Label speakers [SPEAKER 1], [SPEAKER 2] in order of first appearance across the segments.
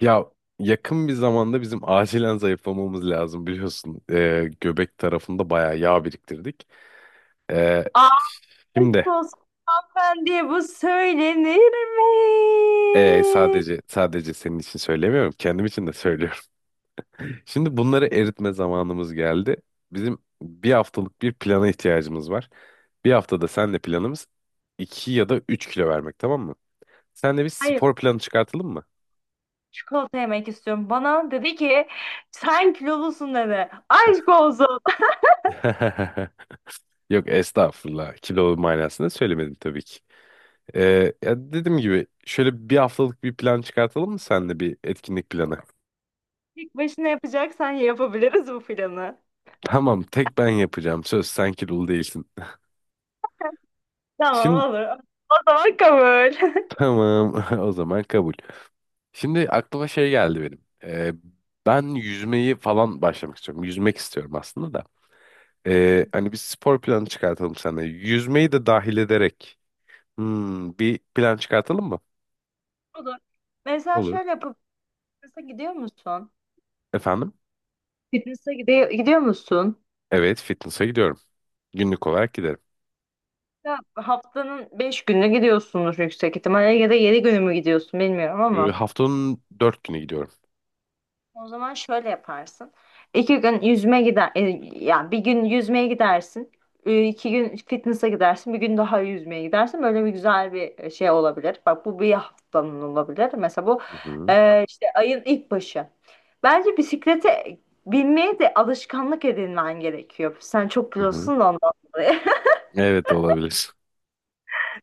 [SPEAKER 1] Ya yakın bir zamanda bizim acilen zayıflamamız lazım biliyorsun. Göbek tarafında bayağı yağ biriktirdik. Ee,
[SPEAKER 2] Aşk
[SPEAKER 1] şimdi
[SPEAKER 2] olsun, hanımefendiye bu söylenir mi?
[SPEAKER 1] ee, sadece senin için söylemiyorum, kendim için de söylüyorum. Şimdi bunları eritme zamanımız geldi. Bizim bir haftalık bir plana ihtiyacımız var. Bir haftada senle planımız 2 ya da 3 kilo vermek, tamam mı? Senle bir
[SPEAKER 2] Hayır.
[SPEAKER 1] spor planı çıkartalım mı?
[SPEAKER 2] Çikolata yemek istiyorum. Bana dedi ki sen kilolusun dedi. Aşk olsun.
[SPEAKER 1] Yok estağfurullah. Kilo manasında söylemedim tabii ki. Ya dediğim gibi şöyle bir haftalık bir plan çıkartalım mı senle, bir etkinlik planı?
[SPEAKER 2] Tek başına yapacaksan yapabiliriz bu planı.
[SPEAKER 1] Tamam, tek ben yapacağım, söz, sen kilolu değilsin.
[SPEAKER 2] Tamam,
[SPEAKER 1] Şimdi
[SPEAKER 2] olur. O zaman kabul.
[SPEAKER 1] tamam, o zaman kabul. Şimdi aklıma şey geldi benim. Ben yüzmeyi falan başlamak istiyorum. Yüzmek istiyorum aslında da. Hani bir spor planı çıkartalım seninle. Yüzmeyi de dahil ederek bir plan çıkartalım mı?
[SPEAKER 2] Olur. Mesela
[SPEAKER 1] Olur.
[SPEAKER 2] şöyle yapıp fitness'a gidiyor musun?
[SPEAKER 1] Efendim?
[SPEAKER 2] Fitness'a gidiyor musun?
[SPEAKER 1] Evet, fitness'a gidiyorum. Günlük olarak giderim.
[SPEAKER 2] Ya haftanın beş günü gidiyorsunuz yüksek ihtimalle ya da 7 günü mü gidiyorsun, bilmiyorum
[SPEAKER 1] Ee,
[SPEAKER 2] ama.
[SPEAKER 1] haftanın 4 günü gidiyorum.
[SPEAKER 2] O zaman şöyle yaparsın. İki gün yüzme gider, yani bir gün yüzmeye gidersin, iki gün fitness'a gidersin, bir gün daha yüzmeye gidersin. Böyle bir güzel bir şey olabilir. Bak, bu bir haftanın olabilir. Mesela bu
[SPEAKER 1] Hı hı.
[SPEAKER 2] işte ayın ilk başı. Bence bisiklete binmeye de alışkanlık edinmen gerekiyor. Sen çok
[SPEAKER 1] Hı hı.
[SPEAKER 2] biliyorsun da ondan dolayı.
[SPEAKER 1] Evet, olabilir.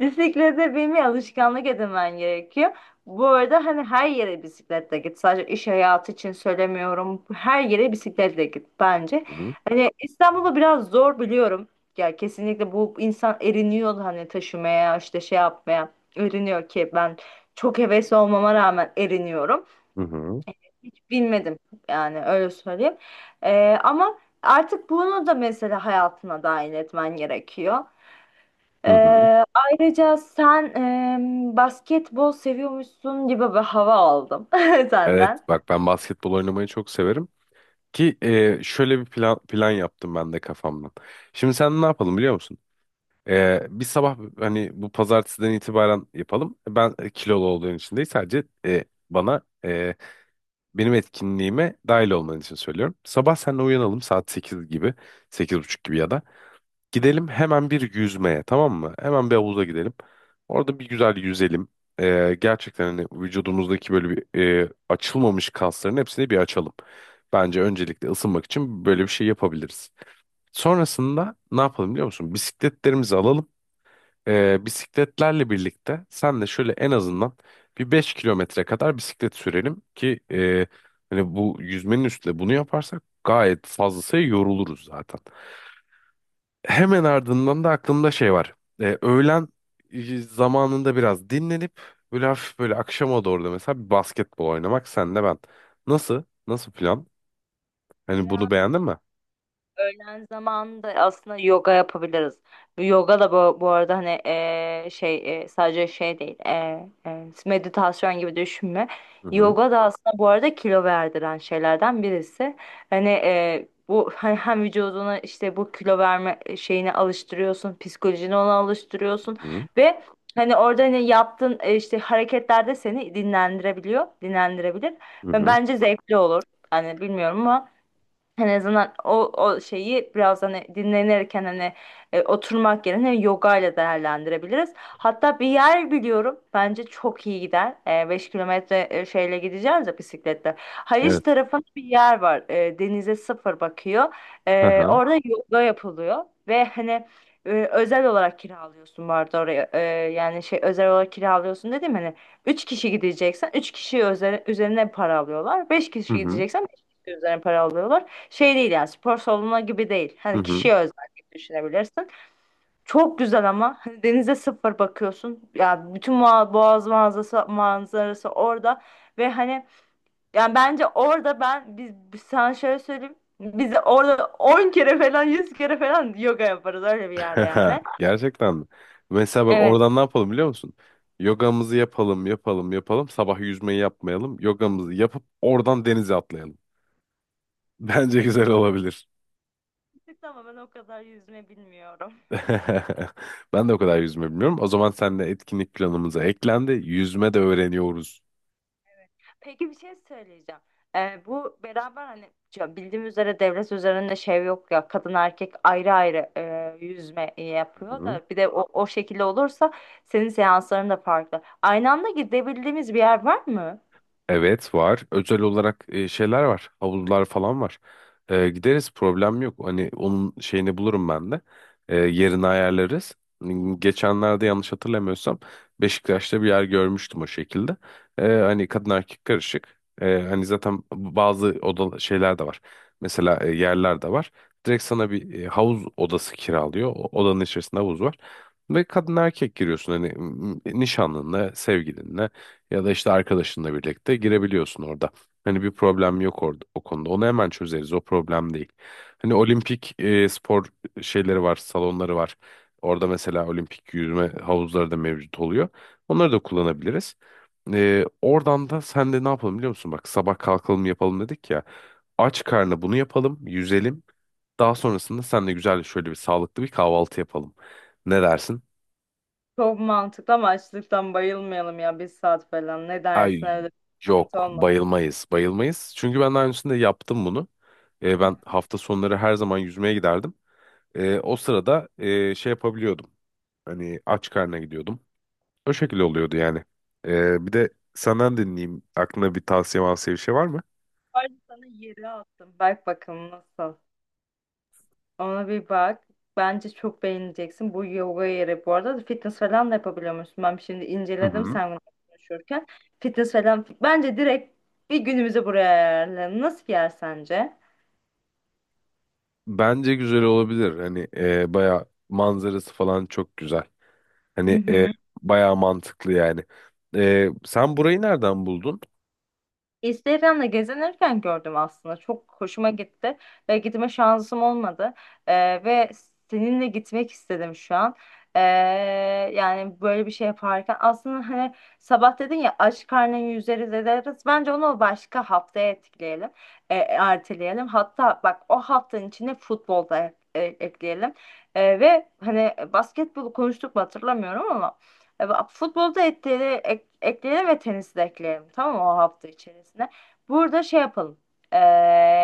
[SPEAKER 2] Bisiklete binmeye alışkanlık edinmen gerekiyor. Bu arada hani her yere bisikletle git. Sadece iş hayatı için söylemiyorum. Her yere bisikletle git bence.
[SPEAKER 1] Hı hı.
[SPEAKER 2] Hani İstanbul'da biraz zor biliyorum. Ya kesinlikle bu insan eriniyor hani taşımaya işte şey yapmaya. Eriniyor ki ben çok hevesli olmama rağmen eriniyorum.
[SPEAKER 1] Hı hı.
[SPEAKER 2] Hiç binmedim yani, öyle söyleyeyim. Ama artık bunu da mesela hayatına dahil etmen gerekiyor.
[SPEAKER 1] Hı hı.
[SPEAKER 2] Ayrıca sen basketbol seviyormuşsun gibi bir hava aldım
[SPEAKER 1] Evet
[SPEAKER 2] senden.
[SPEAKER 1] bak, ben basketbol oynamayı çok severim. Ki şöyle bir plan yaptım ben de kafamdan. Şimdi sen ne yapalım, biliyor musun? Bir sabah, hani bu pazartesiden itibaren yapalım. Ben kilolu olduğun için değil, sadece bana benim etkinliğime dahil olman için söylüyorum. Sabah seninle uyanalım saat 8 gibi, 8.30 gibi ya da. Gidelim hemen bir yüzmeye, tamam mı? Hemen bir havuza gidelim. Orada bir güzel yüzelim. Gerçekten hani vücudumuzdaki böyle bir açılmamış kasların hepsini bir açalım. Bence öncelikle ısınmak için böyle bir şey yapabiliriz. Sonrasında ne yapalım, biliyor musun? Bisikletlerimizi alalım. Bisikletlerle birlikte sen de şöyle en azından bir 5 kilometre kadar bisiklet sürelim ki hani bu yüzmenin üstüne bunu yaparsak gayet fazlasıyla yoruluruz zaten. Hemen ardından da aklımda şey var. Öğlen zamanında biraz dinlenip böyle hafif, böyle akşama doğru da mesela bir basketbol oynamak, senle ben. Nasıl? Nasıl plan? Hani bunu beğendin mi?
[SPEAKER 2] Öğlen zamanında aslında yoga yapabiliriz. Bu yoga da bu arada hani şey sadece şey değil, meditasyon gibi düşünme.
[SPEAKER 1] Hı hı.
[SPEAKER 2] Yoga da aslında bu arada kilo verdiren şeylerden birisi. Hani bu hani hem vücuduna işte bu kilo verme şeyini alıştırıyorsun, psikolojini ona alıştırıyorsun
[SPEAKER 1] Hı hı.
[SPEAKER 2] ve hani orada hani yaptığın işte hareketler de seni dinlendirebiliyor, dinlendirebilir. Ve
[SPEAKER 1] Hı.
[SPEAKER 2] bence zevkli olur. Hani bilmiyorum ama. En azından o şeyi biraz hani dinlenirken hani oturmak yerine yoga ile değerlendirebiliriz. Hatta bir yer biliyorum, bence çok iyi gider. 5 kilometre şeyle gideceğiz ya, bisikletle. Haliç
[SPEAKER 1] Evet.
[SPEAKER 2] tarafında bir yer var. Denize sıfır bakıyor.
[SPEAKER 1] Hı hı.
[SPEAKER 2] Orada yoga yapılıyor ve hani özel olarak kiralıyorsun bu arada oraya. Yani şey özel olarak kiralıyorsun dedim hani. 3 kişi gideceksen 3 kişi üzerine para alıyorlar. 5
[SPEAKER 1] Hı
[SPEAKER 2] kişi
[SPEAKER 1] hı.
[SPEAKER 2] gideceksen 5 kişi üzerine para alıyorlar. Şey değil, yani spor salonu gibi değil.
[SPEAKER 1] Hı
[SPEAKER 2] Hani
[SPEAKER 1] hı.
[SPEAKER 2] kişiye özel gibi düşünebilirsin. Çok güzel ama hani denize sıfır bakıyorsun. Ya bütün boğaz manzarası orada ve hani yani bence orada ben biz sana şöyle söyleyeyim. Biz orada 10 kere falan 100 kere falan yoga yaparız öyle bir yerde yani.
[SPEAKER 1] Gerçekten mi? Mesela bak,
[SPEAKER 2] Evet.
[SPEAKER 1] oradan ne yapalım biliyor musun? Yogamızı yapalım, yapalım, yapalım. Sabah yüzmeyi yapmayalım. Yogamızı yapıp oradan denize atlayalım. Bence güzel olabilir.
[SPEAKER 2] Ama ben o kadar yüzme bilmiyorum.
[SPEAKER 1] Ben de o kadar yüzme bilmiyorum. O zaman sen de etkinlik planımıza eklendi. Yüzme de öğreniyoruz.
[SPEAKER 2] Peki, bir şey söyleyeceğim. Bu beraber hani ya bildiğim üzere devlet üzerinde şey yok ya, kadın erkek ayrı ayrı yüzme
[SPEAKER 1] Hı
[SPEAKER 2] yapıyor
[SPEAKER 1] hı.
[SPEAKER 2] da bir de o şekilde olursa senin seansların da farklı. Aynı anda gidebildiğimiz bir yer var mı?
[SPEAKER 1] Evet, var. Özel olarak şeyler var. Havuzlar falan var. Gideriz, problem yok. Hani onun şeyini bulurum ben de. Yerini ayarlarız. Geçenlerde yanlış hatırlamıyorsam Beşiktaş'ta bir yer görmüştüm o şekilde. Hani kadın erkek karışık. Hani zaten bazı oda şeyler de var. Mesela yerler de var. Direkt sana bir havuz odası kiralıyor. O odanın içerisinde havuz var. Ve kadın erkek giriyorsun hani nişanlınla, sevgilinle. Ya da işte arkadaşınla birlikte girebiliyorsun orada. Hani bir problem yok orada o konuda. Onu hemen çözeriz. O problem değil. Hani olimpik spor şeyleri var, salonları var. Orada mesela olimpik yüzme havuzları da mevcut oluyor. Onları da kullanabiliriz. Oradan da sen de ne yapalım biliyor musun? Bak, sabah kalkalım yapalım dedik ya. Aç karnına bunu yapalım, yüzelim. Daha sonrasında sen de güzel şöyle bir sağlıklı bir kahvaltı yapalım. Ne dersin?
[SPEAKER 2] Çok mantıklı ama açlıktan bayılmayalım ya, bir saat falan. Ne dersin
[SPEAKER 1] Ay,
[SPEAKER 2] öyle bir, sıkıntı
[SPEAKER 1] yok,
[SPEAKER 2] olmaz.
[SPEAKER 1] bayılmayız bayılmayız. Çünkü ben daha öncesinde yaptım bunu. Ben hafta sonları her zaman yüzmeye giderdim. O sırada şey yapabiliyordum. Hani aç karnına gidiyordum. O şekilde oluyordu yani. Bir de senden dinleyeyim. Aklına bir tavsiye mavsiye bir şey var mı?
[SPEAKER 2] Ayrıca sana yeri attım. Bak bakalım nasıl. Ona bir bak. Bence çok beğeneceksin. Bu yoga yeri bu arada fitness falan da yapabiliyor musun? Ben şimdi
[SPEAKER 1] Hı
[SPEAKER 2] inceledim
[SPEAKER 1] hı.
[SPEAKER 2] sen bunu konuşurken. Fitness falan. Bence direkt bir günümüzü buraya ayarlayalım. Nasıl bir yer sence?
[SPEAKER 1] Bence güzel olabilir. Hani baya manzarası falan çok güzel.
[SPEAKER 2] Hı
[SPEAKER 1] Hani
[SPEAKER 2] hı.
[SPEAKER 1] baya mantıklı yani. Sen burayı nereden buldun?
[SPEAKER 2] Instagram'da gezinirken gördüm aslında. Çok hoşuma gitti ve gitme şansım olmadı. Ve seninle gitmek istedim şu an. Ee, Yani böyle bir şey yaparken aslında hani sabah dedin ya aç karnın yüzeriz ederiz. Bence onu başka haftaya etkileyelim. Erteleyelim. Hatta bak, o haftanın içine futbolda ekleyelim. Ve hani basketbolu konuştuk mu hatırlamıyorum ama bak, futbolda ekleyelim ve tenisi de ekleyelim. Tamam mı, o hafta içerisinde? Burada şey yapalım. E,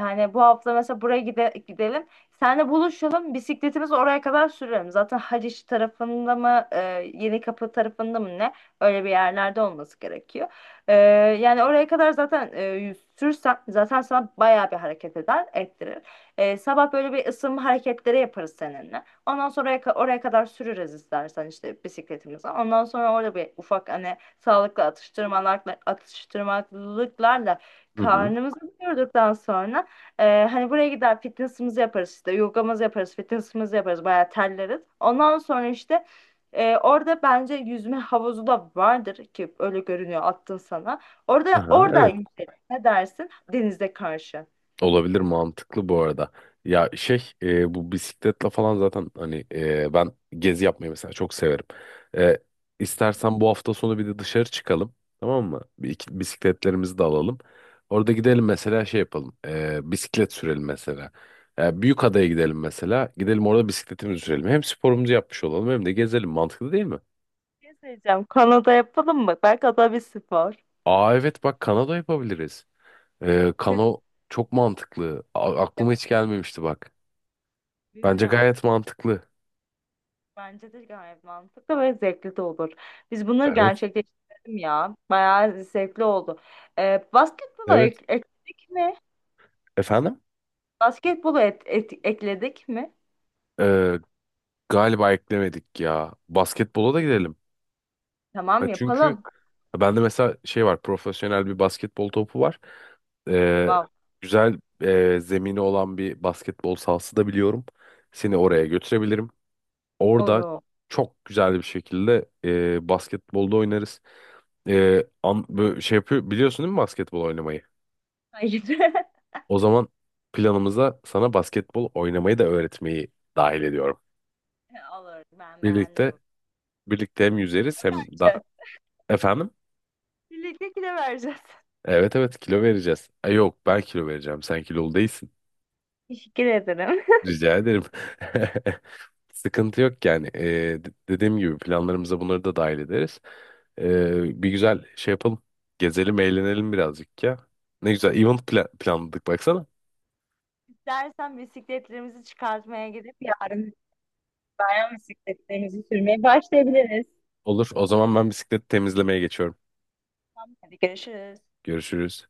[SPEAKER 2] Hani bu hafta mesela buraya gidelim. Seninle buluşalım. Bisikletimizi oraya kadar sürelim. Zaten Haliç tarafında mı Yenikapı tarafında mı ne? Öyle bir yerlerde olması gerekiyor. E, Yani oraya kadar zaten sürsen zaten sana bayağı bir hareket eder, ettirir. Sabah böyle bir ısınma hareketleri yaparız seninle. Ondan sonra oraya kadar sürürüz istersen işte bisikletimizi. Ondan sonra orada bir ufak hani sağlıklı atıştırmalarla, atıştırmalıklarla
[SPEAKER 1] Hı hı.
[SPEAKER 2] karnımızı doyurduktan sonra hani buraya gider fitness'ımızı yaparız işte yogamızı yaparız, fitness'ımızı yaparız bayağı terleriz. Ondan sonra işte orada bence yüzme havuzu da vardır ki öyle görünüyor attın sana. Orada
[SPEAKER 1] Aha,
[SPEAKER 2] orada
[SPEAKER 1] evet.
[SPEAKER 2] yüzelim. Ne dersin? Denize karşı.
[SPEAKER 1] Olabilir, mantıklı bu arada. Ya şey, bu bisikletle falan zaten hani ben gezi yapmayı mesela çok severim. E, istersen bu hafta sonu bir de dışarı çıkalım, tamam mı? Bisikletlerimizi de alalım. Orada gidelim mesela, şey yapalım. Bisiklet sürelim mesela. Büyükada'ya gidelim mesela. Gidelim orada bisikletimizi sürelim. Hem sporumuzu yapmış olalım hem de gezelim. Mantıklı değil mi?
[SPEAKER 2] Ne diyeceğim? Kanada yapalım mı? Belki o bir spor.
[SPEAKER 1] Aa evet bak, kano yapabiliriz. Kano çok mantıklı. Aklıma hiç gelmemişti bak. Bence
[SPEAKER 2] Bilmiyorum.
[SPEAKER 1] gayet mantıklı.
[SPEAKER 2] Bence de gayet mantıklı ve zevkli de olur. Biz bunları
[SPEAKER 1] Evet.
[SPEAKER 2] gerçekleştirelim ya. Bayağı zevkli oldu. Basketbolu
[SPEAKER 1] Evet.
[SPEAKER 2] ekledik mi?
[SPEAKER 1] Efendim?
[SPEAKER 2] Basketbolu ekledik mi?
[SPEAKER 1] Ee, galiba eklemedik ya. Basketbola da gidelim. Ha,
[SPEAKER 2] Tamam,
[SPEAKER 1] çünkü
[SPEAKER 2] yapalım.
[SPEAKER 1] bende mesela şey var. Profesyonel bir basketbol topu var. Ee,
[SPEAKER 2] Wow.
[SPEAKER 1] güzel zemini olan bir basketbol sahası da biliyorum. Seni oraya götürebilirim. Orada
[SPEAKER 2] Olur.
[SPEAKER 1] çok güzel bir şekilde basketbolda oynarız. Şey yapıyor, biliyorsun değil mi basketbol oynamayı?
[SPEAKER 2] Hayır.
[SPEAKER 1] O zaman planımıza sana basketbol oynamayı da öğretmeyi dahil ediyorum.
[SPEAKER 2] Olur. Ben beğendim
[SPEAKER 1] Birlikte
[SPEAKER 2] bu
[SPEAKER 1] Birlikte hem yüzeriz hem da
[SPEAKER 2] fikri.
[SPEAKER 1] efendim.
[SPEAKER 2] Birlikte kilo vereceğiz.
[SPEAKER 1] Evet evet, kilo vereceğiz. Yok, ben kilo vereceğim. Sen kilolu değilsin.
[SPEAKER 2] Teşekkür ederim.
[SPEAKER 1] Rica ederim. Sıkıntı yok yani. Dediğim gibi planlarımıza bunları da dahil ederiz. Bir güzel şey yapalım. Gezelim, eğlenelim birazcık ya. Ne güzel event planladık baksana.
[SPEAKER 2] İstersen bisikletlerimizi çıkartmaya gidip yarın bayan bisikletlerimizi sürmeye başlayabiliriz.
[SPEAKER 1] Olur. O zaman ben bisiklet temizlemeye geçiyorum.
[SPEAKER 2] Tamam, hadi görüşürüz.
[SPEAKER 1] Görüşürüz.